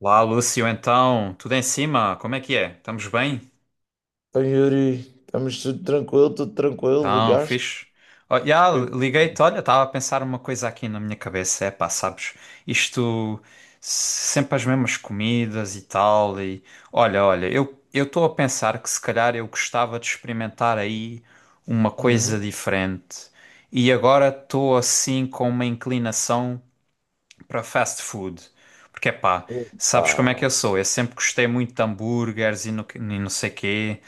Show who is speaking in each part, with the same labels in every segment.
Speaker 1: Lá, Lúcio, então, tudo em cima? Como é que é? Estamos bem?
Speaker 2: Então, Yuri, estamos tudo tranquilo,
Speaker 1: Então,
Speaker 2: ligaste?
Speaker 1: fixe. Oh, já,
Speaker 2: Que-
Speaker 1: liguei-te, olha, estava a pensar uma coisa aqui na minha cabeça. É pá, sabes, isto sempre as mesmas comidas e tal. E olha, olha, eu estou a pensar que se calhar eu gostava de experimentar aí uma coisa
Speaker 2: Uhum.
Speaker 1: diferente. E agora estou assim com uma inclinação para fast food. Porque, pá,
Speaker 2: Epá,
Speaker 1: sabes como é que eu sou? Eu sempre gostei muito de hambúrgueres e e não sei quê.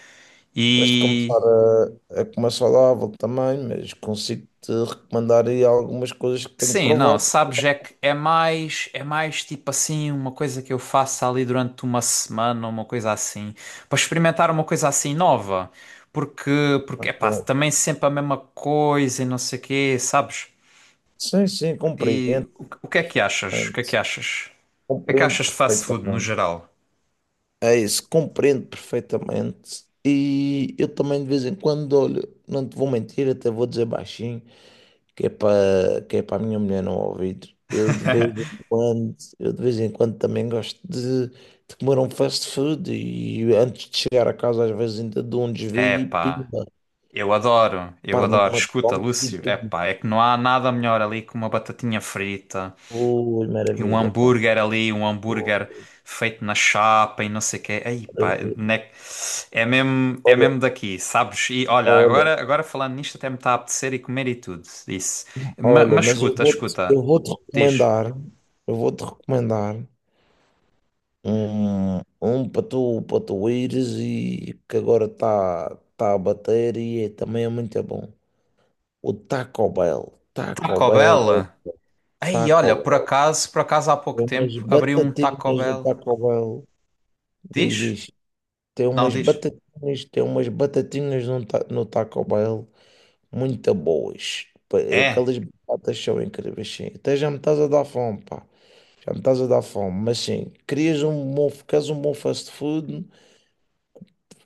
Speaker 2: tens de
Speaker 1: E
Speaker 2: começar a comer saudável também, mas consigo-te recomendar aí algumas coisas que tenho
Speaker 1: sim, não,
Speaker 2: provado.
Speaker 1: sabes, é que é mais tipo assim, uma coisa que eu faço ali durante uma semana, uma coisa assim, para experimentar uma coisa assim nova. Porque, porque, pá,
Speaker 2: Ok.
Speaker 1: também sempre a mesma coisa e não sei quê, sabes?
Speaker 2: Sim, sim, compreendo
Speaker 1: O que é que achas? O que é que
Speaker 2: perfeitamente.
Speaker 1: achas? O que é que
Speaker 2: Compreendo
Speaker 1: achas de fast food no
Speaker 2: perfeitamente.
Speaker 1: geral?
Speaker 2: É isso, compreendo perfeitamente. E eu também de vez em quando olho, não te vou mentir, até vou dizer baixinho, que é para a minha mulher não ouvir. Eu de vez em quando, eu de vez em quando também gosto de comer um fast food e antes de chegar a casa às vezes ainda dou um desvio
Speaker 1: É,
Speaker 2: e
Speaker 1: pá.
Speaker 2: pimba,
Speaker 1: Eu adoro, eu
Speaker 2: paro
Speaker 1: adoro.
Speaker 2: numa
Speaker 1: Escuta,
Speaker 2: cola e
Speaker 1: Lúcio,
Speaker 2: pimba.
Speaker 1: epá, é que não há nada melhor ali que uma batatinha frita
Speaker 2: Ui,
Speaker 1: e um
Speaker 2: maravilha, pá.
Speaker 1: hambúrguer ali, um hambúrguer
Speaker 2: Ui,
Speaker 1: feito na chapa e não sei o quê. Ei, pá,
Speaker 2: maravilha.
Speaker 1: né- é mesmo, é
Speaker 2: Olha,
Speaker 1: mesmo daqui, sabes? E olha,
Speaker 2: olha,
Speaker 1: agora, agora falando nisto até me está a apetecer e comer e tudo, isso. Ma-
Speaker 2: olha,
Speaker 1: Mas,
Speaker 2: mas eu
Speaker 1: escuta,
Speaker 2: vou-te,
Speaker 1: escuta,
Speaker 2: eu vou-te
Speaker 1: diz.
Speaker 2: recomendar, eu vou-te recomendar. Um para tu ires e que agora está a bater e também é muito bom. O Taco Bell. Taco
Speaker 1: Taco
Speaker 2: Bell é
Speaker 1: Bell? Ei, olha,
Speaker 2: Taco
Speaker 1: por
Speaker 2: Bell.
Speaker 1: acaso, por acaso há pouco
Speaker 2: Tem umas
Speaker 1: tempo abriu um Taco
Speaker 2: batatinhas no
Speaker 1: Bell.
Speaker 2: Taco Bell. Diz,
Speaker 1: Diz?
Speaker 2: diz.
Speaker 1: Não, diz.
Speaker 2: Tem umas batatinhas no, ta, no Taco Bell. Muito boas.
Speaker 1: É.
Speaker 2: Aquelas batatas são incríveis, sim. Até já me estás a dar fome, pá. Já me estás a dar fome. Mas sim, queres um bom fast food?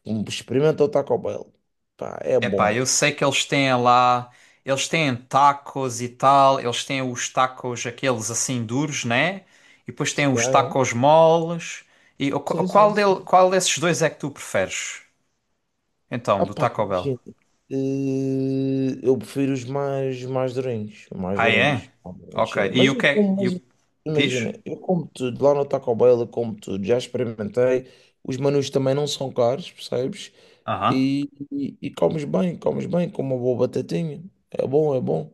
Speaker 2: Experimenta o Taco Bell. Pá, é
Speaker 1: Epá,
Speaker 2: bom.
Speaker 1: eu sei que eles têm lá, eles têm tacos e tal, eles têm os tacos aqueles assim duros, né? E depois têm os
Speaker 2: Yeah, yeah.
Speaker 1: tacos moles. E o- qu-
Speaker 2: Sim, sim,
Speaker 1: qual del-
Speaker 2: sim.
Speaker 1: qual desses dois é que tu preferes? Então,
Speaker 2: Ah,
Speaker 1: do
Speaker 2: pá,
Speaker 1: Taco Bell.
Speaker 2: imagina. Eu prefiro os mais durinhos. Os Mais
Speaker 1: Ah,
Speaker 2: durinhos.
Speaker 1: é?
Speaker 2: Obviamente,
Speaker 1: Ok.
Speaker 2: sim.
Speaker 1: E
Speaker 2: Mas
Speaker 1: o que
Speaker 2: eu
Speaker 1: é,
Speaker 2: como,
Speaker 1: e
Speaker 2: mas
Speaker 1: o- Diz?
Speaker 2: imagina, eu como tudo. Lá no Taco Bell eu como tudo. Já experimentei. Os menus também não são caros, percebes?
Speaker 1: Aham.
Speaker 2: E comes bem, com uma boa batatinha. É bom, é bom.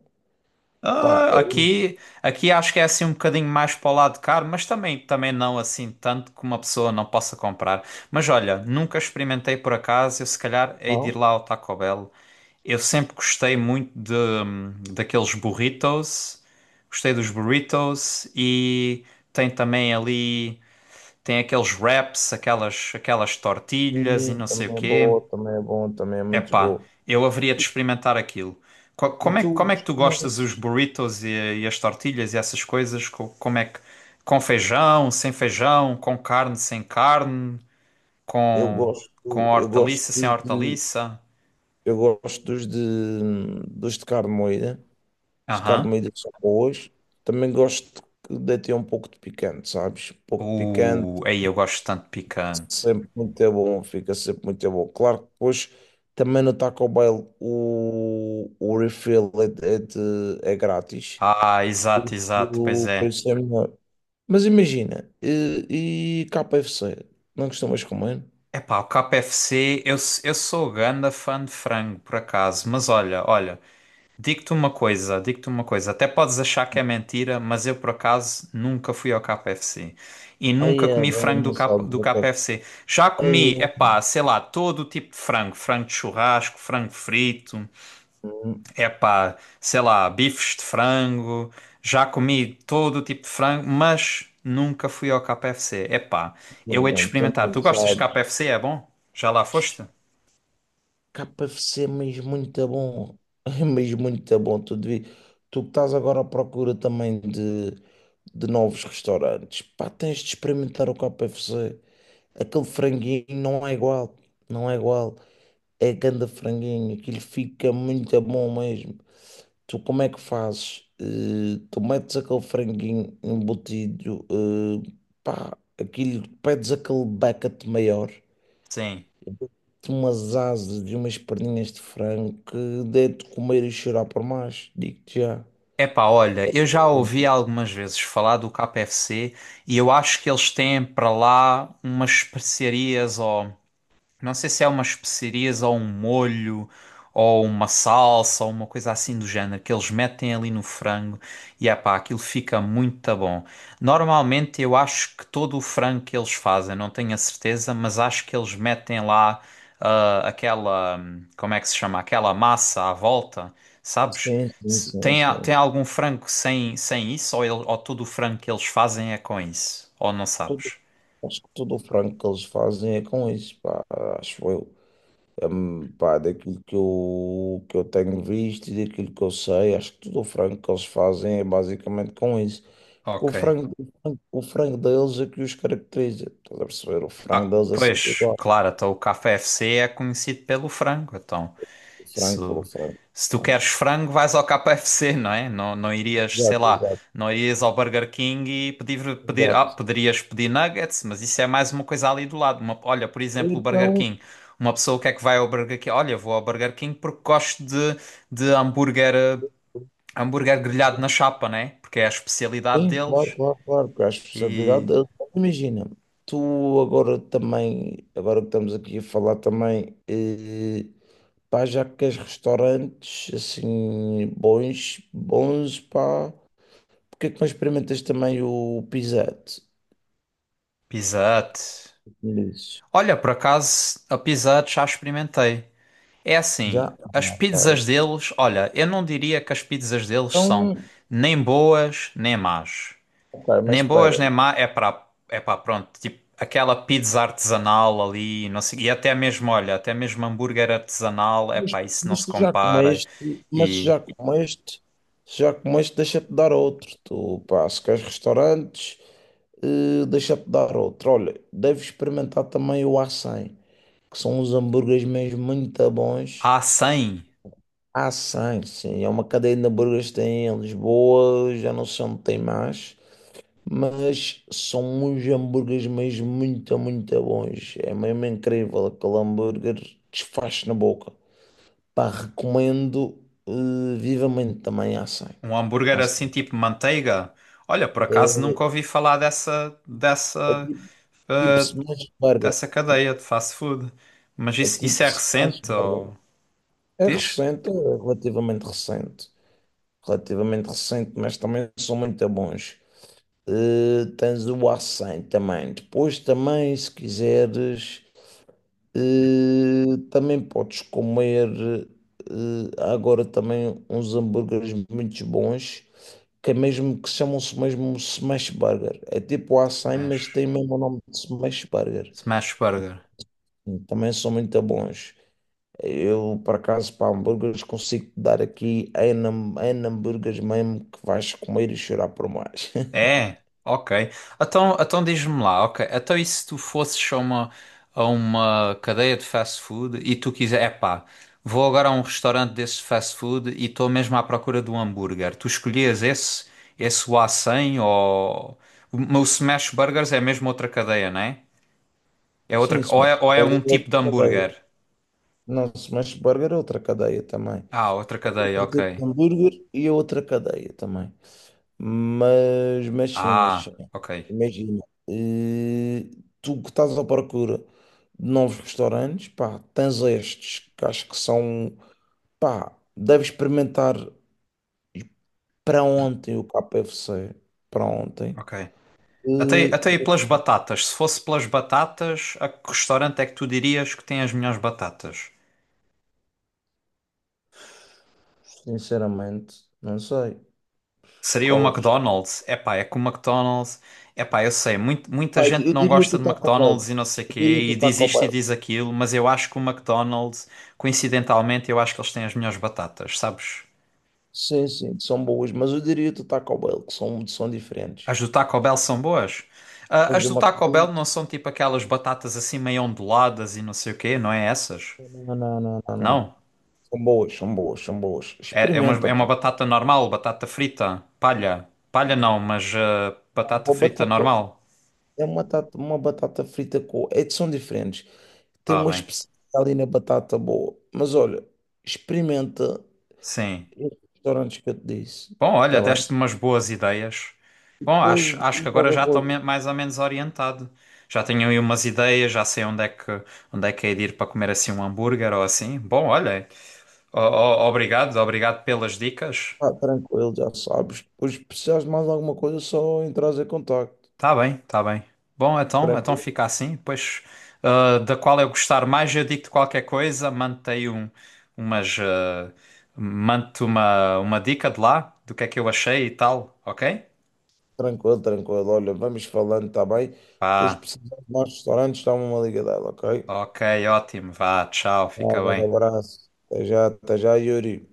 Speaker 2: Pá,
Speaker 1: Ah,
Speaker 2: é
Speaker 1: aqui acho que é assim um bocadinho mais para o lado caro, mas também não assim tanto que uma pessoa não possa comprar. Mas olha, nunca experimentei por acaso, eu se calhar hei de ir
Speaker 2: bom.
Speaker 1: lá ao Taco Bell. Eu sempre gostei muito de, daqueles burritos. Gostei dos burritos e tem também ali, tem aqueles wraps, aquelas tortilhas e
Speaker 2: E
Speaker 1: não sei o
Speaker 2: também é
Speaker 1: quê.
Speaker 2: bom, também é bom, também é muito
Speaker 1: Epá,
Speaker 2: bom.
Speaker 1: eu haveria de
Speaker 2: E,
Speaker 1: experimentar aquilo. Co-
Speaker 2: e
Speaker 1: Como é,
Speaker 2: tu
Speaker 1: que- como é que tu
Speaker 2: costumas.
Speaker 1: gostas dos burritos e as tortilhas e essas coisas? Como é que, com feijão, sem feijão, com carne, sem carne,
Speaker 2: Eu
Speaker 1: com, com
Speaker 2: gosto, eu gosto
Speaker 1: hortaliça, sem
Speaker 2: dos de,
Speaker 1: hortaliça?
Speaker 2: eu gosto dos de carne moída. Os de carne
Speaker 1: Aham.
Speaker 2: moída são boas. Também gosto de ter um pouco de picante, sabes? Um pouco de picante,
Speaker 1: Aí eu gosto tanto de picante.
Speaker 2: sempre muito é bom, fica sempre muito é bom. Claro que depois também no Taco Bell o refill é grátis.
Speaker 1: Ah, exato, exato, pois
Speaker 2: O
Speaker 1: é.
Speaker 2: preço é melhor. Mas imagina, e K F c não costumas comer?
Speaker 1: Epá, o KFC, eu sou ganda fã de frango, por acaso, mas olha, digo-te uma coisa, até podes achar que é mentira, mas eu, por acaso, nunca fui ao KFC e nunca
Speaker 2: Aí é
Speaker 1: comi
Speaker 2: bem,
Speaker 1: frango do,
Speaker 2: não
Speaker 1: K,
Speaker 2: sabes
Speaker 1: do
Speaker 2: o que é.
Speaker 1: KFC. Já comi, epá, sei lá, todo o tipo de frango, frango de churrasco, frango frito.
Speaker 2: Hum,
Speaker 1: Epá, sei lá, bifes de frango, já comi todo o tipo de frango, mas nunca fui ao KFC. Epá, eu hei de
Speaker 2: Bom, tu
Speaker 1: experimentar. Tu
Speaker 2: não
Speaker 1: gostas de
Speaker 2: sabes.
Speaker 1: KFC? É bom? Já lá foste?
Speaker 2: KFC é mesmo muito bom. É mesmo muito bom. Tu que estás agora à procura também de novos restaurantes. Pá, tens de experimentar o K F c. Aquele franguinho não é igual. Não é igual. É ganda franguinho. Aquilo fica muito bom mesmo. Tu como é que fazes? Tu metes aquele franguinho embutido. Pá, aquilo, pedes aquele bucket maior
Speaker 1: Sim.
Speaker 2: de umas asas, de umas perninhas de frango que dê de comer e chorar por mais, digo-te já.
Speaker 1: Epá, olha, eu já ouvi algumas vezes falar do KFC e eu acho que eles têm para lá umas especiarias ou não sei se é umas especiarias ou um molho ou uma salsa ou uma coisa assim do género que eles metem ali no frango, e é pá, aquilo fica muito bom. Normalmente eu acho que todo o frango que eles fazem, não tenho a certeza, mas acho que eles metem lá aquela, como é que se chama? Aquela massa à volta, sabes?
Speaker 2: Sim, sim,
Speaker 1: Se-
Speaker 2: sim,
Speaker 1: Tem, a-
Speaker 2: sim,
Speaker 1: tem
Speaker 2: sim.
Speaker 1: algum frango sem isso ou, ou todo o frango que eles fazem é com isso? Ou não
Speaker 2: Tudo-
Speaker 1: sabes?
Speaker 2: Acho que todo o frango que eles fazem é com isso, pá, acho eu. Pá, daquilo que eu tenho visto e daquilo que eu sei, acho que tudo o frango que eles fazem é basicamente com isso. Porque o
Speaker 1: Ok.
Speaker 2: frango, o frango, o frango deles é que os caracteriza. Estás a perceber? O frango
Speaker 1: Ah,
Speaker 2: deles é sempre
Speaker 1: pois,
Speaker 2: igual.
Speaker 1: claro, então o KFC é conhecido pelo frango. Então,
Speaker 2: O
Speaker 1: se,
Speaker 2: frango pelo frango.
Speaker 1: se tu queres frango, vais ao KFC, não é? Não, não irias, sei
Speaker 2: Exato,
Speaker 1: lá,
Speaker 2: exato,
Speaker 1: não irias ao Burger King e pedir,
Speaker 2: exato.
Speaker 1: poderias pedir nuggets, mas isso é mais uma coisa ali do lado. Olha, por
Speaker 2: Ou
Speaker 1: exemplo, o Burger
Speaker 2: então,
Speaker 1: King. Uma pessoa o que é que vai ao Burger King? Olha, vou ao Burger King porque gosto de hambúrguer, hambúrguer grelhado na chapa, né? Porque é a especialidade
Speaker 2: sim, claro,
Speaker 1: deles.
Speaker 2: claro, claro, porque a
Speaker 1: E
Speaker 2: especialidade, imagina, tu agora também, agora que estamos aqui a falar também, pá, já que queres restaurantes assim bons, bons, pá, porque é que não experimentas também o Pizzette?
Speaker 1: Pizza Hut.
Speaker 2: Me dizes.
Speaker 1: Olha, por acaso, a Pizza Hut já experimentei. É
Speaker 2: Já?
Speaker 1: assim, as
Speaker 2: Ah, ok.
Speaker 1: pizzas deles, olha, eu não diria que as pizzas deles são
Speaker 2: Então,
Speaker 1: nem boas nem más.
Speaker 2: ok, mas
Speaker 1: Nem boas
Speaker 2: espera,
Speaker 1: nem má é para é para pronto, tipo aquela pizza artesanal ali, não sei, e até mesmo, olha, até mesmo hambúrguer artesanal, é
Speaker 2: mas,
Speaker 1: pá, isso não
Speaker 2: mas
Speaker 1: se
Speaker 2: tu já
Speaker 1: compara.
Speaker 2: comeste, mas se
Speaker 1: E
Speaker 2: já comeste, deixa-te dar outro, tu, pá, se queres restaurantes. Deixa-te dar outro. Olha, deves experimentar também o A100, que são uns hambúrgueres mesmo muito bons.
Speaker 1: há 100,
Speaker 2: A100, sim, é uma cadeia de hambúrgueres que tem em Lisboa, já não sei onde tem mais, mas são uns hambúrgueres mesmo muito, muito bons. É mesmo incrível, aquele hambúrguer desfaz na boca. Pá, recomendo vivamente também A100.
Speaker 1: um hambúrguer
Speaker 2: A100
Speaker 1: assim tipo manteiga. Olha, por
Speaker 2: é,
Speaker 1: acaso nunca ouvi falar dessa
Speaker 2: é tipo, tipo
Speaker 1: eh,
Speaker 2: smash burger,
Speaker 1: dessa
Speaker 2: tipo-
Speaker 1: cadeia de fast food. Mas
Speaker 2: é
Speaker 1: isso
Speaker 2: tipo
Speaker 1: é
Speaker 2: smash
Speaker 1: recente
Speaker 2: burger.
Speaker 1: ou
Speaker 2: É
Speaker 1: diz?
Speaker 2: recente, é relativamente recente. Relativamente recente, mas também são muito bons. Tens o a também. Depois também, se quiseres, também podes comer. Há agora também uns hambúrgueres muito bons, que é mesmo que chamam-se mesmo smash burger. É tipo o a, mas
Speaker 1: Smash.
Speaker 2: tem mesmo o nome de smash burger.
Speaker 1: Smash Burger.
Speaker 2: Também são muito bons. Eu, por acaso, para hambúrgueres, consigo te dar aqui em, hambúrgueres mesmo que vais comer e chorar por mais.
Speaker 1: É, ok. Então, diz-me lá, ok. Então e se tu fosses a uma cadeia de fast food e tu quiser, epá, vou agora a um restaurante desse fast food e estou mesmo à procura de um hambúrguer. Tu escolhias esse o A100 ou... O Smash Burgers é mesmo outra cadeia, não é? É outra,
Speaker 2: Sim,
Speaker 1: ou é,
Speaker 2: smash
Speaker 1: ou é um
Speaker 2: burger é
Speaker 1: tipo de
Speaker 2: outra
Speaker 1: hambúrguer?
Speaker 2: cadeia. Não, smash burger é outra cadeia também.
Speaker 1: Ah, outra
Speaker 2: É
Speaker 1: cadeia,
Speaker 2: outro
Speaker 1: ok.
Speaker 2: tipo de hambúrguer e é outra cadeia também. Mas
Speaker 1: Ah,
Speaker 2: sim.
Speaker 1: ok,
Speaker 2: Imagina, eh, tu que estás à procura de novos restaurantes, pá, tens estes que acho que são, pá, deves experimentar. Para ontem o KFC, para ontem,
Speaker 1: ok. Até,
Speaker 2: eh,
Speaker 1: até aí
Speaker 2: devo
Speaker 1: pelas batatas. Se fosse pelas batatas, a que restaurante é que tu dirias que tem as melhores batatas?
Speaker 2: sinceramente, não sei
Speaker 1: Seria o
Speaker 2: qual é o restaurante.
Speaker 1: McDonald's? Epá, é que o McDonald's... Epá, eu sei, muita
Speaker 2: Pai,
Speaker 1: gente
Speaker 2: eu
Speaker 1: não
Speaker 2: diria
Speaker 1: gosta
Speaker 2: que o
Speaker 1: de
Speaker 2: Taco Bell.
Speaker 1: McDonald's e não sei
Speaker 2: Eu diria
Speaker 1: quê,
Speaker 2: que
Speaker 1: e
Speaker 2: o
Speaker 1: diz
Speaker 2: Taco
Speaker 1: isto e
Speaker 2: Bell.
Speaker 1: diz aquilo, mas eu acho que o McDonald's, coincidentalmente, eu acho que eles têm as melhores batatas, sabes?
Speaker 2: Sim, sim, são boas, mas eu diria que o Taco Bell, que são, são diferentes.
Speaker 1: As do Taco Bell são boas. Ah,
Speaker 2: Mas
Speaker 1: as
Speaker 2: de
Speaker 1: do
Speaker 2: uma
Speaker 1: Taco Bell
Speaker 2: coisa,
Speaker 1: não são tipo aquelas batatas assim meio onduladas e não sei o quê, não é essas?
Speaker 2: não, não, não, não, não.
Speaker 1: Não?
Speaker 2: São boas, são boas, são boas.
Speaker 1: É, é uma,
Speaker 2: Experimenta,
Speaker 1: é uma
Speaker 2: pô.
Speaker 1: batata normal, batata frita, palha. Palha não, mas batata
Speaker 2: Uma
Speaker 1: frita
Speaker 2: batata,
Speaker 1: normal.
Speaker 2: uma batata frita com. É, são diferentes. Tem
Speaker 1: Ah,
Speaker 2: uma
Speaker 1: bem.
Speaker 2: especialidade ali na batata boa. Mas olha, experimenta
Speaker 1: Sim.
Speaker 2: restaurantes que eu te disse,
Speaker 1: Bom, olha,
Speaker 2: está bem?
Speaker 1: deste-me umas boas ideias. Bom,
Speaker 2: Depois
Speaker 1: acho que
Speaker 2: diz
Speaker 1: agora já
Speaker 2: qualquer
Speaker 1: estou
Speaker 2: coisa,
Speaker 1: mais ou menos orientado. Já tenho aí umas ideias, já sei onde é que é de ir para comer assim um hambúrguer ou assim. Bom, olha, obrigado, obrigado pelas dicas.
Speaker 2: pá, tranquilo, já sabes. Depois, se precisares de mais alguma coisa, só entras em contacto.
Speaker 1: Tá bem, tá bem. Bom, então, então
Speaker 2: Tranquilo,
Speaker 1: fica assim. Depois, ah, da qual eu gostar mais, eu digo-te qualquer coisa, um, umas, ah, mando-te uma dica de lá, do que é que eu achei e tal, ok?
Speaker 2: Tranquilo. Olha, vamos falando, está bem? Depois, se
Speaker 1: Vá,
Speaker 2: precisares de mais restaurantes, dá-me uma liga dela, ok?
Speaker 1: ok, ótimo, vá, tchau,
Speaker 2: Um
Speaker 1: fica
Speaker 2: grande
Speaker 1: bem.
Speaker 2: abraço. Até já, Yuri.